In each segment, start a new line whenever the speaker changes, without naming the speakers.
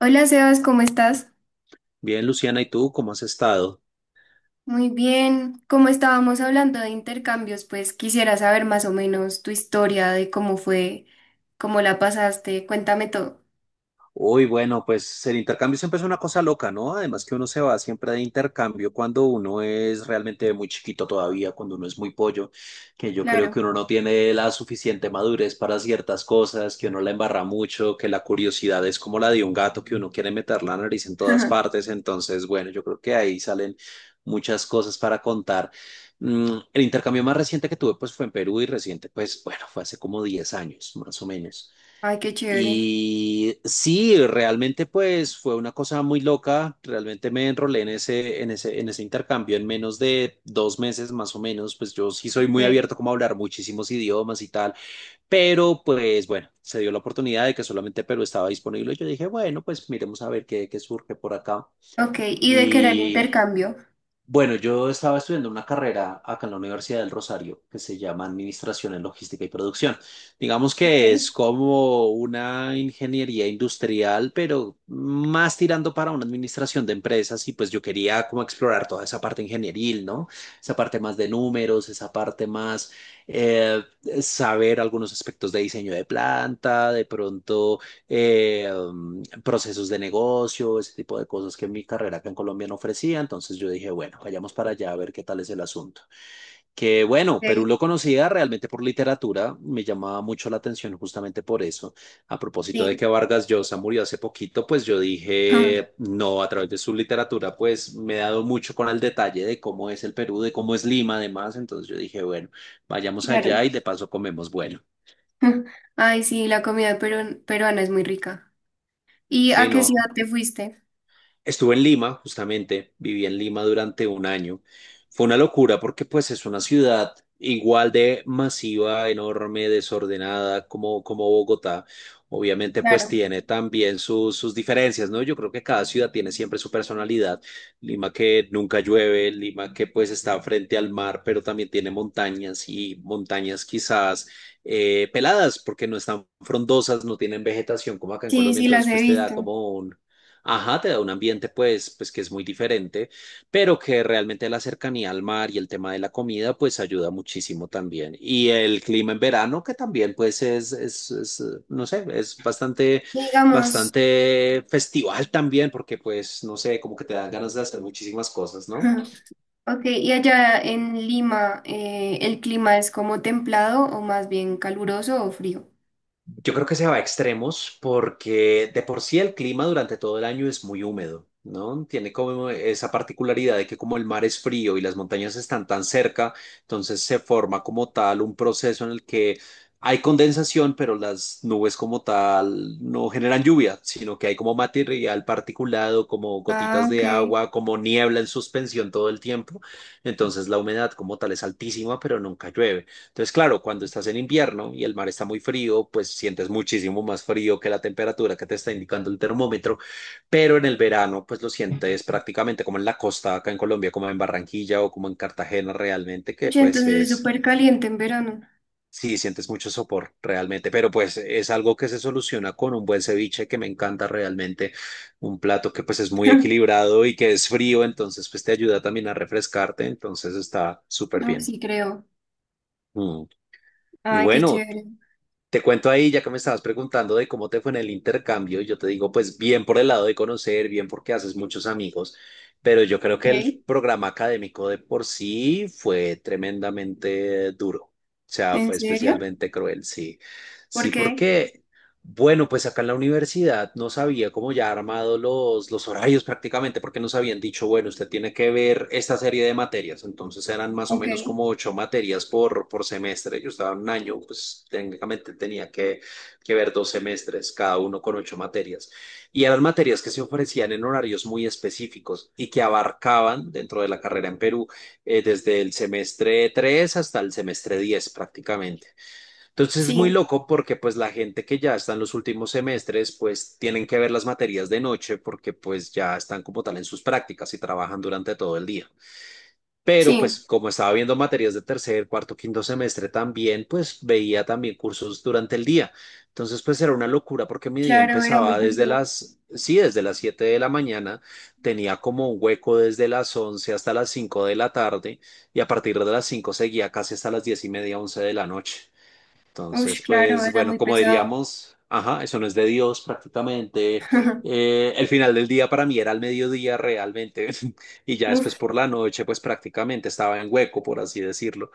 Hola Sebas, ¿cómo estás?
Bien, Luciana, ¿y tú cómo has estado?
Muy bien. Como estábamos hablando de intercambios, pues quisiera saber más o menos tu historia de cómo fue, cómo la pasaste. Cuéntame todo.
Uy, bueno, pues el intercambio siempre es una cosa loca, ¿no? Además que uno se va siempre de intercambio cuando uno es realmente muy chiquito todavía, cuando uno es muy pollo, que yo creo
Claro.
que uno no tiene la suficiente madurez para ciertas cosas, que uno la embarra mucho, que la curiosidad es como la de un gato, que uno quiere meter la nariz en todas partes. Entonces, bueno, yo creo que ahí salen muchas cosas para contar. El intercambio más reciente que tuve, pues fue en Perú y reciente, pues bueno, fue hace como 10 años, más o menos.
Ay, qué chévere.
Y sí, realmente pues fue una cosa muy loca, realmente me enrolé en ese intercambio en menos de 2 meses más o menos, pues yo sí soy muy
Okay.
abierto como a hablar muchísimos idiomas y tal, pero pues bueno, se dio la oportunidad de que solamente Perú estaba disponible, yo dije, bueno, pues miremos a ver qué surge por acá.
Ok, ¿y de qué era el
Y
intercambio?
bueno, yo estaba estudiando una carrera acá en la Universidad del Rosario que se llama Administración en Logística y Producción. Digamos que
Okay.
es como una ingeniería industrial, pero más tirando para una administración de empresas y pues yo quería como explorar toda esa parte ingenieril, ¿no? Esa parte más de números, esa parte más eh, saber algunos aspectos de diseño de planta, de pronto procesos de negocio, ese tipo de cosas que mi carrera acá en Colombia no ofrecía. Entonces yo dije, bueno, vayamos para allá a ver qué tal es el asunto. Que bueno, Perú
Ok,
lo conocía realmente por literatura, me llamaba mucho la atención justamente por eso. A propósito de
sí,
que Vargas Llosa murió hace poquito, pues yo dije, no, a través de su literatura, pues me he dado mucho con el detalle de cómo es el Perú, de cómo es Lima, además. Entonces yo dije, bueno, vayamos
claro.
allá y de paso comemos bueno.
Ay, sí, la comida peruana es muy rica. ¿Y a
Sí,
qué ciudad
no.
te fuiste?
Estuve en Lima, justamente, viví en Lima durante un año. Fue una locura porque pues es una ciudad igual de masiva, enorme, desordenada como Bogotá. Obviamente pues
Claro.
tiene también sus diferencias, ¿no? Yo creo que cada ciudad tiene siempre su personalidad. Lima que nunca llueve, Lima que pues está frente al mar, pero también tiene montañas y montañas quizás peladas porque no están frondosas, no tienen vegetación como acá en
Sí,
Colombia,
sí, las
entonces
he
pues te da
visto.
como un. Ajá, te da un ambiente pues que es muy diferente, pero que realmente la cercanía al mar y el tema de la comida pues ayuda muchísimo también. Y el clima en verano que también pues es, no sé, es bastante,
Digamos.
bastante festival también porque pues, no sé, como que te dan ganas de hacer muchísimas cosas, ¿no?
Ok, y allá en Lima, ¿el clima es como templado o más bien caluroso o frío?
Yo creo que se va a extremos porque de por sí el clima durante todo el año es muy húmedo, ¿no? Tiene como esa particularidad de que como el mar es frío y las montañas están tan cerca, entonces se forma como tal un proceso en el que hay condensación, pero las nubes como tal no generan lluvia, sino que hay como material particulado, como
Ah,
gotitas
ok.
de agua, como niebla en suspensión todo el tiempo. Entonces la humedad como tal es altísima, pero nunca llueve. Entonces, claro, cuando estás en invierno y el mar está muy frío, pues sientes muchísimo más frío que la temperatura que te está indicando el termómetro, pero en el verano, pues lo sientes prácticamente como en la costa acá en Colombia, como en Barranquilla o como en Cartagena realmente, que
Oye,
pues
entonces es
es,
súper caliente en verano.
sí, sientes mucho sopor realmente, pero pues es algo que se soluciona con un buen ceviche que me encanta realmente, un plato que pues es muy equilibrado y que es frío, entonces pues te ayuda también a refrescarte, entonces está súper
No,
bien.
sí creo.
Mm. Y
Ay, qué
bueno,
chévere.
te cuento ahí, ya que me estabas preguntando de cómo te fue en el intercambio, yo te digo, pues bien por el lado de conocer, bien porque haces muchos amigos, pero yo creo que el
Ok.
programa académico de por sí fue tremendamente duro, o sea,
¿En
fue
serio?
especialmente cruel, sí,
¿Por
sí,
qué?
porque bueno, pues acá en la universidad nos había como ya armado los horarios prácticamente, porque nos habían dicho, bueno, usted tiene que ver esta serie de materias, entonces eran más o
Ok.
menos como ocho materias por semestre, yo estaba en un año, pues técnicamente tenía que ver dos semestres, cada uno con ocho materias, y eran materias que se ofrecían en horarios muy específicos y que abarcaban dentro de la carrera en Perú desde el semestre 3 hasta el semestre 10 prácticamente. Entonces es muy
Sí,
loco porque pues la gente que ya está en los últimos semestres pues tienen que ver las materias de noche porque pues ya están como tal en sus prácticas y trabajan durante todo el día. Pero
sí.
pues como estaba viendo materias de tercer, cuarto, quinto semestre también pues veía también cursos durante el día. Entonces pues era una locura porque mi día
Claro, era muy
empezaba desde
duro.
las, sí, desde las 7 de la mañana, tenía como un hueco desde las 11 hasta las 5 de la tarde y a partir de las 5 seguía casi hasta las 10 y media, 11 de la noche.
Ush,
Entonces,
claro,
pues
era
bueno,
muy
como
pesado.
diríamos, ajá, eso no es de Dios prácticamente. El final del día para mí era al mediodía realmente y ya después
Uf,
por la noche, pues prácticamente estaba en hueco, por así decirlo.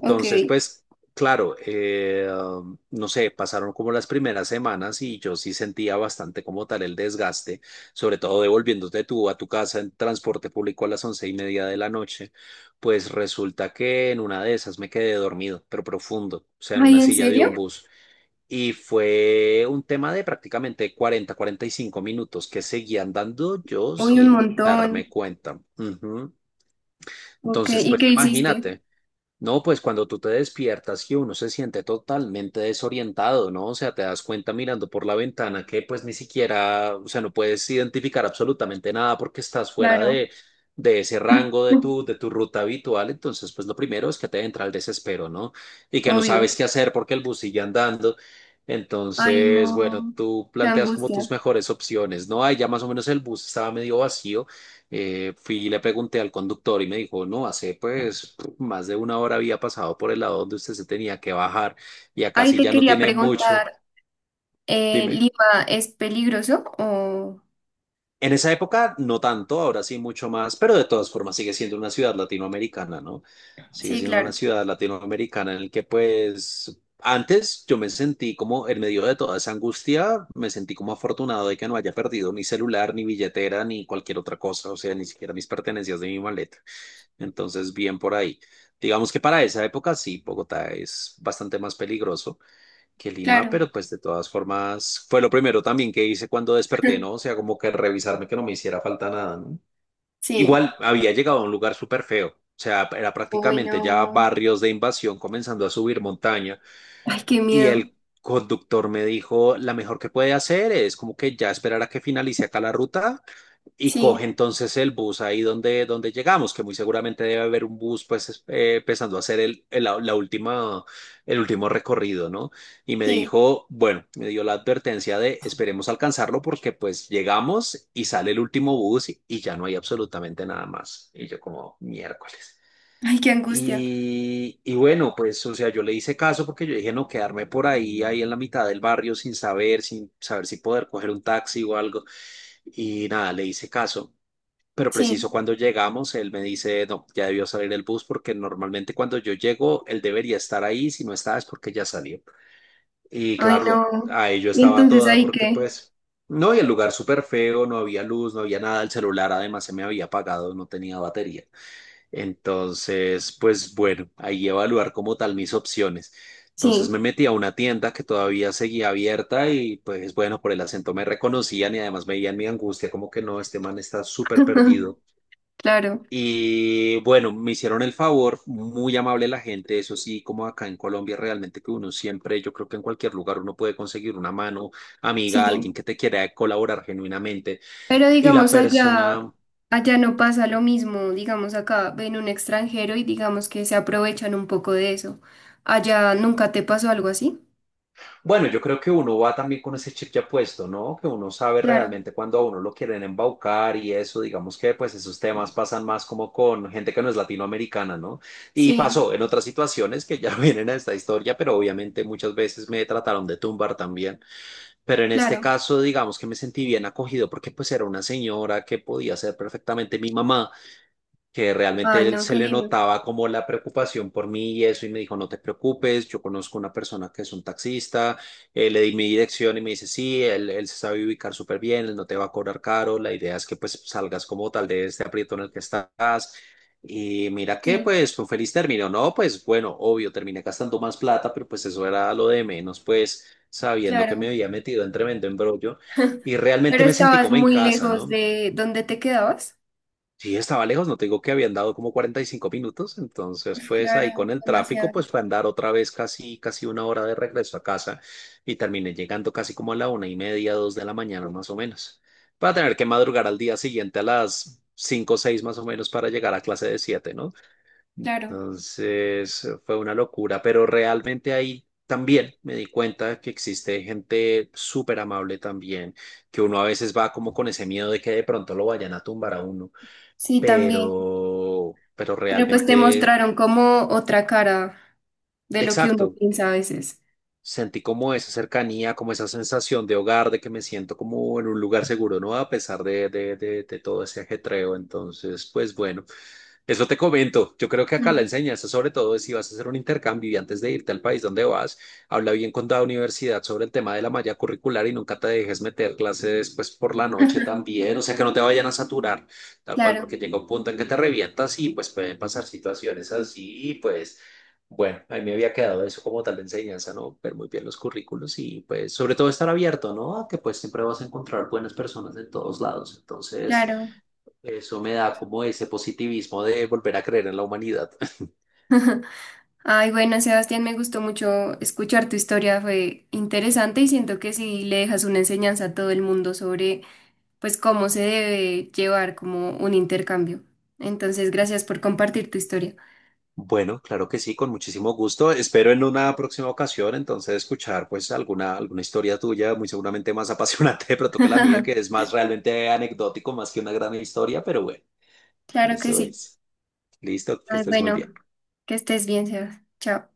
ok.
pues, claro, no sé, pasaron como las primeras semanas y yo sí sentía bastante como tal el desgaste, sobre todo devolviéndote tú a tu casa en transporte público a las 11 y media de la noche, pues resulta que en una de esas me quedé dormido, pero profundo, o sea, en
Ay,
una
¿en
silla de
serio?
un bus. Y fue un tema de prácticamente 40, 45 minutos que seguía andando yo
Uy, un
sin
montón.
darme cuenta. Ujú.
Ok,
Entonces,
¿y
pues
qué hiciste?
imagínate. No, pues cuando tú te despiertas que uno se siente totalmente desorientado, ¿no? O sea, te das cuenta mirando por la ventana que pues ni siquiera, o sea, no puedes identificar absolutamente nada porque estás fuera
Claro,
de ese rango de tu, de tu ruta habitual. Entonces, pues lo primero es que te entra el desespero, ¿no? Y que no
obvio.
sabes qué hacer porque el bus sigue andando.
Ay,
Entonces, bueno,
no,
tú
qué
planteas como tus
angustia.
mejores opciones, ¿no? Ahí ya más o menos el bus estaba medio vacío. Fui y le pregunté al conductor y me dijo, no, hace pues más de una hora había pasado por el lado donde usted se tenía que bajar y acá
Ay,
sí
te
ya no
quería
tiene mucho.
preguntar,
Dime.
¿Lima es peligroso o...?
En esa época no tanto, ahora sí mucho más, pero de todas formas sigue siendo una ciudad latinoamericana, ¿no? Sigue
Sí,
siendo una
claro,
ciudad latinoamericana en el que pues antes yo me sentí como en medio de toda esa angustia, me sentí como afortunado de que no haya perdido mi celular, ni billetera, ni cualquier otra cosa, o sea, ni siquiera mis pertenencias de mi maleta. Entonces, bien por ahí. Digamos que para esa época sí, Bogotá es bastante más peligroso que Lima,
claro,
pero pues de todas formas fue lo primero también que hice cuando desperté, ¿no? O sea, como que revisarme que no me hiciera falta nada, ¿no?
sí.
Igual había llegado a un lugar súper feo, o sea, era
Uy,
prácticamente ya
no.
barrios de invasión comenzando a subir montaña
Ay, qué
y
miedo.
el conductor me dijo, la mejor que puede hacer es como que ya esperar a que finalice acá la ruta y coge
Sí,
entonces el bus ahí donde llegamos, que muy seguramente debe haber un bus pues empezando a hacer el último recorrido, ¿no? Y me
sí.
dijo, bueno, me dio la advertencia de esperemos alcanzarlo porque pues llegamos y sale el último bus y ya no hay absolutamente nada más. Y yo como miércoles.
Ay, qué angustia.
Y bueno, pues, o sea, yo le hice caso porque yo dije, no, quedarme por ahí, en la mitad del barrio sin saber, sin saber si poder coger un taxi o algo. Y nada, le hice caso. Pero
Sí.
preciso cuando llegamos, él me dice, no, ya debió salir el bus porque normalmente cuando yo llego, él debería estar ahí, si no está es porque ya salió. Y
Ay,
claro,
no.
ahí yo
¿Y
estaba
entonces
toda
ahí
porque
qué?
pues, no, y el lugar súper feo, no había luz, no había nada, el celular además se me había apagado, no tenía batería. Entonces, pues bueno, ahí evaluar como tal mis opciones.
Sí,
Entonces me metí a una tienda que todavía seguía abierta y pues bueno, por el acento me reconocían y además me veían mi angustia como que no, este man está súper perdido
claro,
y bueno, me hicieron el favor, muy amable la gente, eso sí, como acá en Colombia realmente que uno siempre, yo creo que en cualquier lugar uno puede conseguir una mano amiga, alguien
sí.
que te quiera colaborar genuinamente.
Pero
Y la
digamos allá,
persona,
allá no pasa lo mismo. Digamos acá ven un extranjero y digamos que se aprovechan un poco de eso. ¿Allá nunca te pasó algo así?
bueno, yo creo que uno va también con ese chip ya puesto, ¿no? Que uno sabe
Claro,
realmente cuando a uno lo quieren embaucar y eso, digamos que pues esos temas pasan más como con gente que no es latinoamericana, ¿no? Y
sí,
pasó en otras situaciones que ya vienen a esta historia, pero obviamente muchas veces me trataron de tumbar también. Pero en este
claro.
caso, digamos que me sentí bien acogido porque pues era una señora que podía ser perfectamente mi mamá, que
Ay,
realmente él
no,
se
qué
le
lindo.
notaba como la preocupación por mí y eso, y me dijo, no te preocupes, yo conozco una persona que es un taxista, le di mi dirección y me dice, sí, él se sabe ubicar súper bien, él no te va a cobrar caro, la idea es que pues salgas como tal de este aprieto en el que estás. Y mira que
Sí,
pues fue un feliz término, ¿no? Pues bueno, obvio, terminé gastando más plata, pero pues eso era lo de menos, pues sabiendo que me
claro.
había metido en tremendo embrollo y realmente
Pero
me sentí
estabas
como en
muy
casa,
lejos
¿no?
de donde te quedabas.
Sí, estaba lejos, no te digo que habían dado como 45 minutos, entonces
Uf,
pues
claro,
ahí con el tráfico
demasiado.
pues fue andar otra vez casi, casi una hora de regreso a casa y terminé llegando casi como a la 1:30, 2 de la mañana más o menos, para tener que madrugar al día siguiente a las 5 o 6 más o menos para llegar a clase de 7, ¿no?
Claro.
Entonces fue una locura, pero realmente ahí también me di cuenta que existe gente súper amable también, que uno a veces va como con ese miedo de que de pronto lo vayan a tumbar a uno,
Sí, también.
pero
Pero pues te
realmente,
mostraron como otra cara de lo que uno
exacto,
piensa a veces.
sentí como esa cercanía, como esa sensación de hogar, de que me siento como en un lugar seguro, ¿no? A pesar de, todo ese ajetreo. Entonces, pues bueno, eso te comento. Yo creo que acá la
Mm.
enseñanza, sobre todo, es si vas a hacer un intercambio y antes de irte al país donde vas, habla bien con la universidad sobre el tema de la malla curricular y nunca te dejes meter clases pues, por la noche también. O sea, que no te vayan a saturar, tal cual,
Claro,
porque llega un punto en que te revientas y pues pueden pasar situaciones así. Y pues, bueno, a mí me había quedado eso como tal de enseñanza, ¿no? Ver muy bien los currículos y pues, sobre todo, estar abierto, ¿no? A que pues siempre vas a encontrar buenas personas de todos lados. Entonces.
claro.
Eso me da como ese positivismo de volver a creer en la humanidad.
Ay, bueno, Sebastián, me gustó mucho escuchar tu historia, fue interesante y siento que sí le dejas una enseñanza a todo el mundo sobre, pues, cómo se debe llevar como un intercambio. Entonces, gracias por compartir tu historia.
Bueno, claro que sí, con muchísimo gusto. Espero en una próxima ocasión entonces escuchar pues alguna historia tuya, muy seguramente más apasionante de pronto que la mía, que es más realmente anecdótico, más que una gran historia, pero bueno,
Claro que
eso
sí.
es. Listo, que
Ay,
estés muy bien.
bueno, que estés bien, Sebas. Chao.